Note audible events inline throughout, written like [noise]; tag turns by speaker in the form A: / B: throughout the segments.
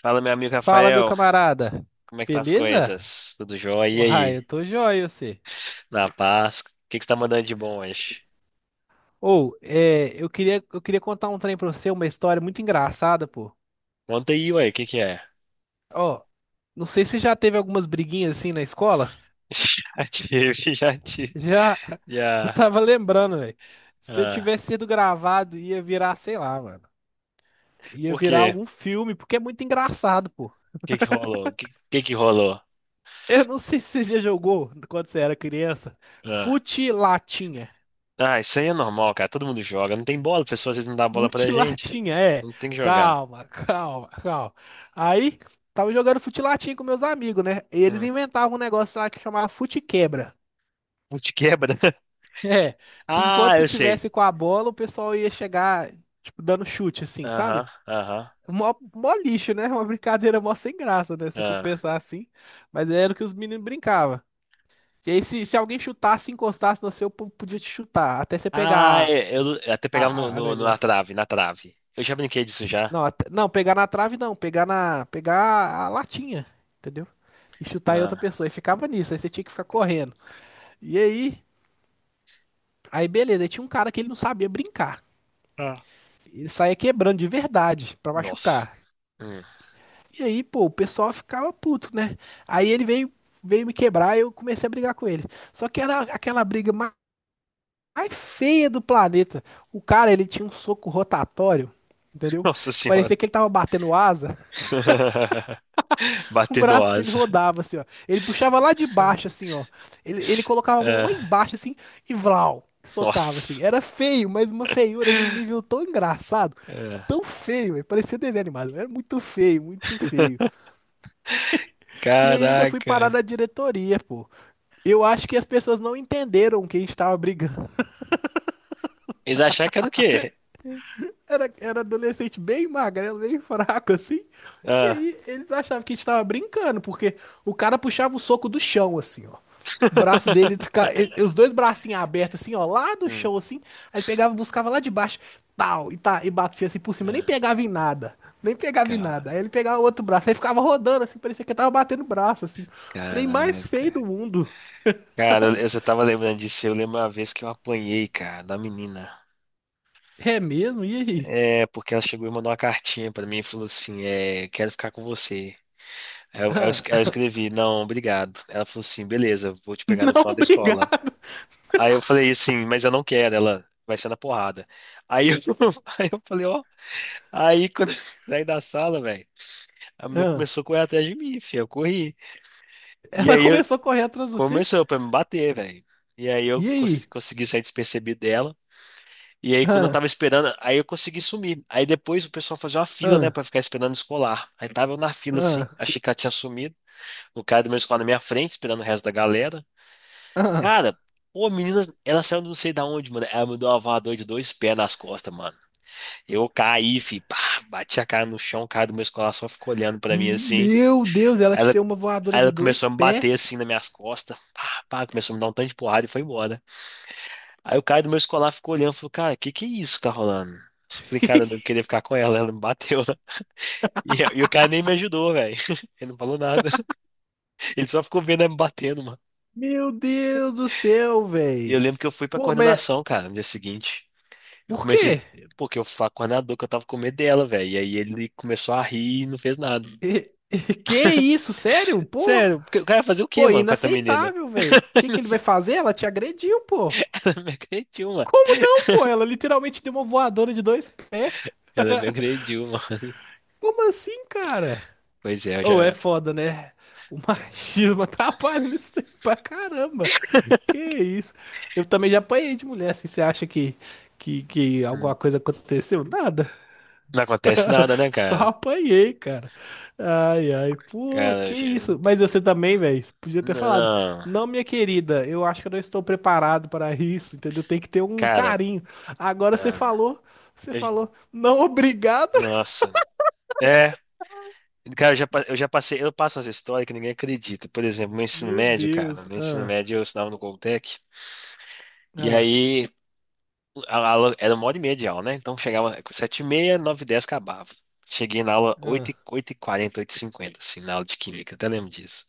A: Fala, meu amigo
B: Fala, meu
A: Rafael,
B: camarada.
A: como é que tá as
B: Beleza?
A: coisas? Tudo jóia? E
B: Uai,
A: aí?
B: eu tô joia, você.
A: Na paz? O que que você tá mandando de bom hoje?
B: Eu queria contar um trem pra você, uma história muito engraçada, pô.
A: Conta aí, ué, o que que é?
B: Ó, não sei se já teve algumas briguinhas assim na escola.
A: [laughs] Já tive, já tive,
B: Já, [laughs] eu
A: já.
B: tava lembrando, velho. Se eu
A: Ah,
B: tivesse sido gravado, ia virar, sei lá, mano. Ia
A: por
B: virar
A: quê?
B: algum filme, porque é muito engraçado, pô. [laughs]
A: O que que rolou? Que rolou?
B: Eu não sei se você já jogou, quando você era criança,
A: Ah.
B: fute latinha.
A: Ah, isso aí é normal, cara, todo mundo joga. Não tem bola, pessoal, às vezes não dá bola pra gente.
B: Futilatinha, é.
A: Não tem que jogar.
B: Calma, [laughs] calma, calma. Aí, tava jogando futilatinha com meus amigos, né? E eles
A: Hum.
B: inventavam um negócio lá que chamava fute-quebra. [laughs]
A: Putz, quebra. [laughs]
B: É, que enquanto
A: Ah,
B: você
A: eu sei.
B: tivesse com a bola, o pessoal ia chegar, tipo, dando chute, assim,
A: Aham,
B: sabe?
A: aham.
B: Mó, mó lixo, né? [laughs] Uma brincadeira mó sem graça, né? Se for
A: Ah.
B: pensar assim. Mas era o que os meninos brincavam. E aí, se alguém chutasse, encostasse no seu, podia te chutar, até você
A: Ah,
B: pegar
A: é, eu até pegava
B: a
A: na
B: negócio.
A: trave, na trave. Eu já brinquei disso já.
B: Não, pegar na trave não, pegar na, pegar a latinha, entendeu? E chutar em outra
A: Ah,
B: pessoa. E ficava nisso, aí você tinha que ficar correndo. E aí, aí beleza, aí tinha um cara que ele não sabia brincar.
A: Ah,
B: Ele saía quebrando de verdade pra
A: nossa.
B: machucar.
A: Hum.
B: E aí, pô, o pessoal ficava puto, né? Aí ele veio, veio me quebrar e eu comecei a brigar com ele. Só que era aquela mais feia do planeta. O cara, ele tinha um soco rotatório, entendeu?
A: Nossa
B: Que
A: senhora.
B: parecia que ele tava batendo asa.
A: [laughs]
B: O
A: Bater no
B: braço dele
A: asa.
B: rodava, assim, ó. Ele puxava lá de baixo, assim, ó. Ele colocava a mão lá
A: Ah,
B: embaixo, assim, e vlau, socava, assim.
A: nossa.
B: Era feio, mas uma feiura de um nível tão engraçado,
A: Ah,
B: tão feio, velho. Parecia desenho animado. Era muito feio, muito feio.
A: [laughs]
B: E aí ainda fui parar
A: caraca.
B: na diretoria, pô. Eu acho que as pessoas não entenderam que a gente tava brigando.
A: Eles acharam que era o quê?
B: Era adolescente bem magrelo, bem [laughs] fraco, assim. E
A: Ah.
B: aí eles achavam que a gente tava brincando, porque o cara puxava o soco do chão, assim, ó. O braço dele,
A: [laughs]
B: os dois bracinhos abertos, assim, ó, lá do
A: Hum.
B: chão, assim. Aí ele pegava, buscava lá de baixo, tal, e, tá, e batia assim por cima, nem
A: Ah,
B: pegava em nada. Nem pegava em nada. Aí
A: cara,
B: ele pegava o outro braço, aí ficava rodando, assim, parecia que ele tava batendo o braço, assim. O trem mais feio
A: caraca.
B: do mundo.
A: Cara, eu só tava lembrando disso. Eu lembro uma vez que eu apanhei, cara, da menina.
B: É mesmo? E aí?
A: É, porque ela chegou e mandou uma cartinha pra mim e falou assim: é, quero ficar com você. É, Eu, eu, es-
B: Ah,
A: eu escrevi, não, obrigado. Ela falou assim, beleza, vou te
B: [laughs]
A: pegar no
B: não,
A: final da escola.
B: obrigado.
A: Aí eu falei assim, mas eu não quero, ela vai ser na porrada. Aí eu, [laughs] aí eu falei, ó, aí quando [laughs] saí da sala, velho, a menina
B: Ah,
A: começou a correr atrás de mim, filho, eu corri. E
B: ela
A: aí eu,
B: começou a correr atrás de você?
A: começou pra me bater, velho. E aí eu
B: E
A: cons-
B: aí?
A: consegui sair despercebido dela. E aí quando eu
B: Ah,
A: tava esperando, aí eu consegui sumir. Aí depois o pessoal fazia uma fila, né, pra
B: ah,
A: ficar esperando escolar. Aí tava eu na fila assim,
B: ah,
A: achei que ela tinha sumido. O cara do meu escolar na minha frente, esperando o resto da galera.
B: ah.
A: Cara, pô, a menina, ela saiu não sei da onde, mano. Ela me deu uma voadora de dois pés nas costas, mano. Eu caí, fi, pá, bati a cara no chão, o cara do meu escolar só ficou olhando pra mim assim.
B: Meu Deus, ela te
A: Ela,
B: deu uma voadora
A: aí
B: de
A: ela começou
B: dois
A: a me bater
B: pés?
A: assim nas minhas costas, pá, pá, começou a me dar um tanto de porrada e foi embora. Aí o cara do meu escolar ficou olhando e falou, cara, que é isso que tá rolando? Eu falei, cara, eu não
B: [laughs]
A: queria ficar com ela, ela me bateu, [laughs] né? E o cara nem me ajudou, velho. [laughs] Ele não falou nada. Ele só ficou vendo ela me batendo, mano.
B: Meu Deus do céu,
A: E eu
B: véi.
A: lembro que eu fui pra
B: Pô, mas
A: coordenação, cara, no dia seguinte. Eu
B: por
A: comecei,
B: quê? [laughs]
A: porque eu falar com o coordenador que eu tava com medo dela, velho. E aí ele começou a rir e não fez nada.
B: Que isso, sério? Pô,
A: Sério, porque o cara ia fazer o quê,
B: pô,
A: mano, com essa menina?
B: inaceitável, véi. O
A: [laughs]
B: que
A: Não
B: que ele
A: sei.
B: vai fazer? Ela te agrediu, pô.
A: Ela me agrediu, mano.
B: Como não, pô?
A: [laughs]
B: Ela literalmente deu uma voadora de dois pés.
A: Ela me agrediu, mano.
B: Como assim, cara?
A: Pois é, eu
B: Ou é
A: já.
B: foda, né? O machismo [laughs] atrapalha nisso aí pra caramba. Que isso? Eu também já apanhei de mulher, assim, você acha que, que alguma
A: Hum.
B: coisa aconteceu? Nada,
A: Não acontece nada,
B: [laughs]
A: né,
B: só
A: cara?
B: apanhei, cara. Ai, ai, pô,
A: Cara,
B: que isso? Mas você também, velho, podia ter
A: não,
B: falado.
A: não.
B: Não, minha querida, eu acho que eu não estou preparado para isso, entendeu? Tem que ter um
A: Cara,
B: carinho. Agora
A: ah,
B: você
A: eu-
B: falou, não, obrigado.
A: nossa. É, cara, eu já passei, eu passo essa história que ninguém acredita. Por exemplo, no ensino
B: Meu
A: médio, cara,
B: Deus.
A: no ensino
B: Ah,
A: médio eu estudava no Goltec. E
B: ah,
A: aí, a aula era uma hora e meia de aula, né? Então chegava 7h30, 9h10 acabava. Cheguei na aula
B: ah,
A: oito e 40, 8h50, assim, na aula de química, até lembro disso.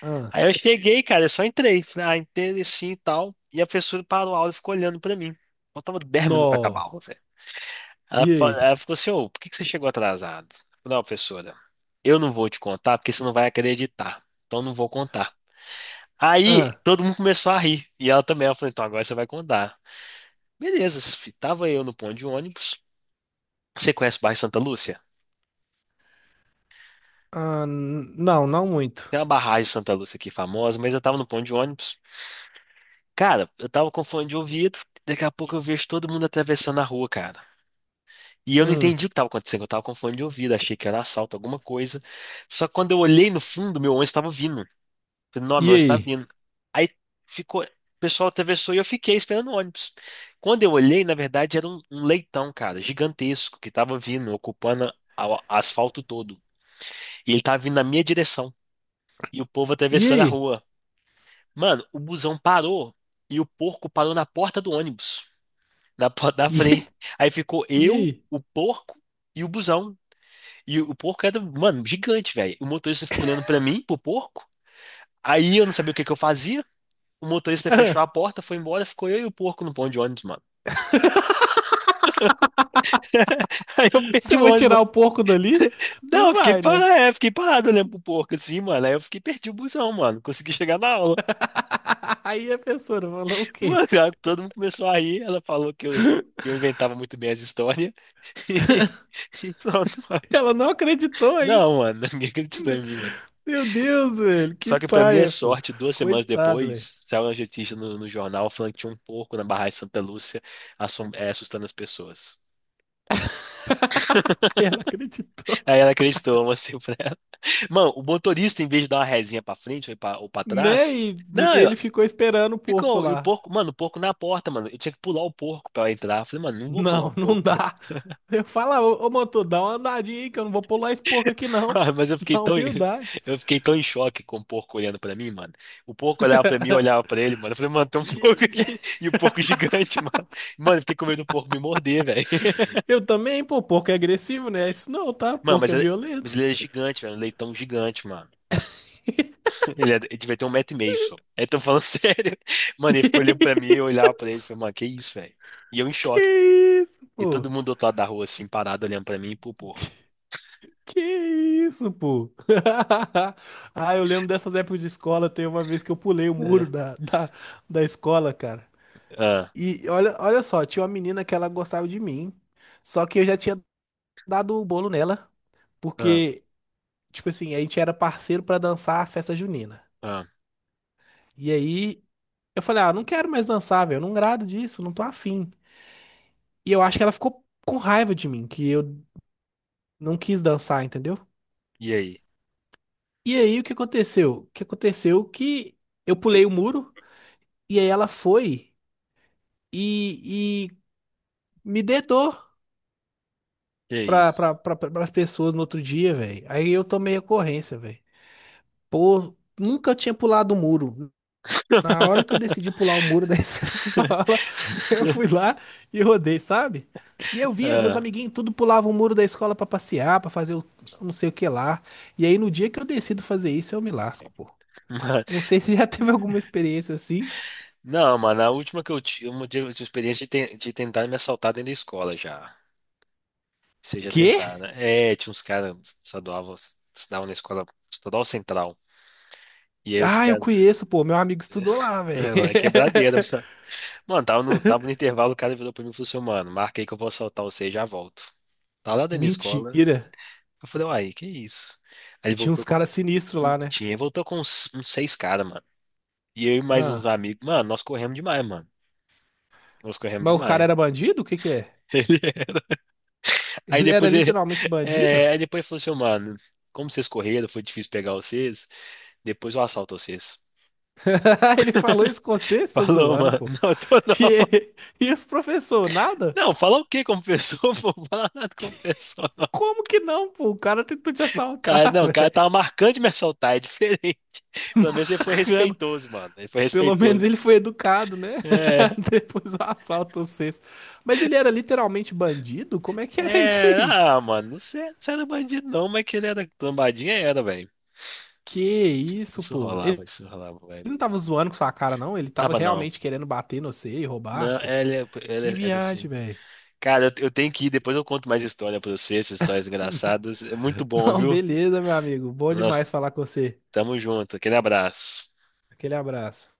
B: ah.
A: Aí eu cheguei, cara, eu só entrei, falei, ah, entrei assim e tal. E a professora parou a aula e ficou olhando pra mim. Faltava 10 minutos pra acabar a
B: Nó.
A: aula, velho. Ela,
B: E
A: fa-
B: aí?
A: ela ficou assim, ô, por que que você chegou atrasado? Eu falei, não, professora, eu não vou te contar porque você não vai acreditar. Então eu não vou contar. Aí
B: Ah,
A: todo mundo começou a rir. E ela também, ela falou, então agora você vai contar. Beleza, fi- tava eu no ponto de ônibus. Você conhece o bairro Santa Lúcia?
B: ah, não, não muito.
A: Tem uma barragem de Santa Lúcia aqui famosa, mas eu tava no ponto de ônibus. Cara, eu tava com fone de ouvido. Daqui a pouco eu vejo todo mundo atravessando a rua, cara. E eu não
B: Hum.
A: entendi o que tava acontecendo. Eu tava com fone de ouvido, achei que era assalto, alguma coisa. Só que quando eu olhei no fundo, meu ônibus tava vindo. Falei, não, meu
B: E
A: ônibus tá
B: aí?
A: vindo. Aí ficou. O pessoal atravessou e eu fiquei esperando o ônibus. Quando eu olhei, na verdade, era um leitão, cara, gigantesco, que tava vindo, ocupando o asfalto todo. E ele tava vindo na minha direção. E o povo
B: E
A: atravessando a
B: aí?
A: rua. Mano, o busão parou e o porco parou na porta do ônibus, na porta da
B: E,
A: frente. Aí ficou
B: e
A: eu,
B: aí?
A: o porco e o busão. E o porco era, mano, gigante, velho. O motorista ficou olhando pra mim, pro porco. Aí eu não sabia o que que eu fazia. O
B: [laughs]
A: motorista fechou
B: Ah,
A: a porta, foi embora, ficou eu e o porco no ponto de ônibus, mano. [laughs] Aí eu perdi
B: Você
A: o
B: vai
A: ônibus.
B: tirar o porco dali?
A: Não,
B: Não
A: eu fiquei
B: vai,
A: parado,
B: né?
A: é, fiquei parado olhando pro porco assim, mano. Aí eu fiquei perdi o busão, mano. Consegui chegar na aula.
B: [laughs] Aí a professora falou o
A: [laughs] Mano,
B: quê?
A: aí todo mundo começou a rir. Ela falou que eu inventava muito bem as histórias. [laughs] E pronto, mano.
B: Ela não acreditou ainda.
A: Não, mano, [laughs] ninguém acreditou em mim, velho.
B: Meu Deus, velho, que
A: Só que, pra minha
B: paia, pô.
A: sorte, 2 semanas
B: Coitado, velho.
A: depois, saiu uma notícia no jornal falando que tinha um porco na barragem de Santa Lúcia assustando as pessoas.
B: [laughs] Aí ela acreditou,
A: Aí ela acreditou, eu mostrei pra ela. [laughs] Mano, o motorista, em vez de dar uma rezinha pra frente ou pra trás,
B: né? E
A: não,
B: ele ficou esperando o porco
A: ficou. E o
B: lá.
A: porco, mano, o porco na porta, mano. Eu tinha que pular o porco pra ela entrar. Eu falei, mano, não vou pular o
B: Não, [laughs] não
A: porco.
B: dá. Eu falo, ô, ô motor, dá uma andadinha aí que eu não vou pular esse porco aqui,
A: [laughs]
B: não.
A: Ah, mas eu
B: [laughs]
A: fiquei
B: Na
A: tão,
B: humildade.
A: [laughs] eu fiquei tão em choque com o porco olhando pra mim, mano. O porco olhava pra mim, eu olhava pra ele, mano. Eu falei, mano, tem um porco
B: E-
A: aqui.
B: [laughs]
A: [laughs] E o porco gigante, mano. Mano, eu fiquei com medo do porco me morder, velho. [laughs]
B: eu também, pô, porco é agressivo, né? Isso não, tá?
A: Mano,
B: Porco é violento.
A: mas ele é gigante, velho. Um leitão gigante, mano. [laughs] Ele devia ter um metro e meio só. Aí tô falando [laughs] sério. Mano, ele ficou olhando pra mim, eu olhava pra ele. Falei, mano, que isso, velho? E eu em
B: Que
A: choque.
B: isso,
A: E todo
B: pô?
A: mundo do outro lado da rua, assim, parado, olhando pra mim e pro porco.
B: Que isso, pô? [laughs] Ah, eu lembro dessas épocas de escola. Tem uma vez que eu pulei o
A: É.
B: muro da escola, cara.
A: Ah,
B: E olha, olha só, tinha uma menina que ela gostava de mim. Só que eu já tinha dado o bolo nela.
A: ah,
B: Porque, tipo assim, a gente era parceiro pra dançar a festa junina.
A: ah.
B: E aí eu falei, ah, não quero mais dançar, velho. Eu não grado disso, não tô afim. E eu acho que ela ficou com raiva de mim, que eu não quis dançar, entendeu?
A: E aí?
B: E aí, o que aconteceu? O que aconteceu que eu pulei o muro e aí ela foi e me dedou
A: Que
B: pra,
A: isso?
B: pra, pra, pra, as pessoas no outro dia, velho. Aí eu tomei ocorrência, velho. Pô, nunca eu tinha pulado o muro. Na hora que eu decidi pular o muro da [laughs]
A: [laughs]
B: escola, eu fui lá e rodei, sabe? E eu via, meus
A: Ah,
B: amiguinhos tudo pulavam o muro da escola pra passear, pra fazer o não sei o que lá. E aí, no dia que eu decido fazer isso, eu me lasco, pô.
A: mano.
B: Não sei se [laughs] já teve alguma experiência assim.
A: Não, mano, a última que eu tive, uma de experiência de tentar me assaltar dentro da escola já. Seja
B: Quê?
A: tentar, né? É, tinha uns caras estadual, estudavam na escola estadual central. E aí os
B: Ah, eu
A: caras, [laughs]
B: conheço, pô. Meu amigo estudou lá, velho.
A: lá é quebradeira, [laughs] mano.
B: [laughs]
A: Mano, tava no intervalo, o cara virou pra mim e falou assim, mano, marca aí que eu vou assaltar você e já volto. Tá lá dentro da escola, né?
B: Mentira.
A: Eu falei, uai, que isso? Aí ele
B: Tinha uns
A: voltou com,
B: caras sinistros lá, né?
A: tinha, voltou com uns seis caras, mano. E eu e mais uns
B: Ah.
A: amigos, mano, nós corremos demais, mano. Nós corremos
B: Mas o cara
A: demais.
B: era bandido? O que que é?
A: [laughs] Aí
B: Ele era
A: depois ele,
B: literalmente
A: [laughs]
B: bandido?
A: aí depois ele falou assim, "Ô, mano, como vocês correram, foi difícil pegar vocês, depois eu assalto vocês."
B: [laughs] Ele falou isso com você?
A: [laughs]
B: Você tá
A: Falou,
B: zoando,
A: mano,
B: pô.
A: não, tô
B: [laughs]
A: não. [laughs]
B: Que? E os professor, nada?
A: Não, falar o quê como pessoa? [laughs] Não vou falar nada como pessoa, não.
B: Como que não, pô? O cara tentou te
A: Cara,
B: assaltar, [laughs]
A: não, o cara
B: velho.
A: tava marcando de me assaltar, é diferente. [laughs] Pelo menos ele foi
B: Cano.
A: respeitoso, mano. Ele foi
B: Pelo menos
A: respeitoso.
B: ele foi educado, né?
A: É,
B: [laughs] Depois do assalto vocês. Mas ele era literalmente bandido? Como é que era isso
A: é,
B: aí?
A: ah, mano, não sei, não era bandido não, mas que ele era trombadinha, era, velho.
B: Que isso, pô?
A: Isso rolava, velho.
B: Ele não tava zoando com sua cara, não. Ele tava
A: Tava não.
B: realmente querendo bater no você e roubar,
A: Não,
B: pô.
A: ele,
B: Que
A: ele era
B: viagem,
A: assim.
B: velho.
A: Cara, eu tenho que ir, depois eu conto mais história pra você, essas histórias engraçadas. É
B: [laughs]
A: muito bom,
B: Não,
A: viu?
B: beleza, meu amigo. Bom
A: Nós
B: demais falar com você.
A: tamo junto. Aquele abraço.
B: Aquele abraço.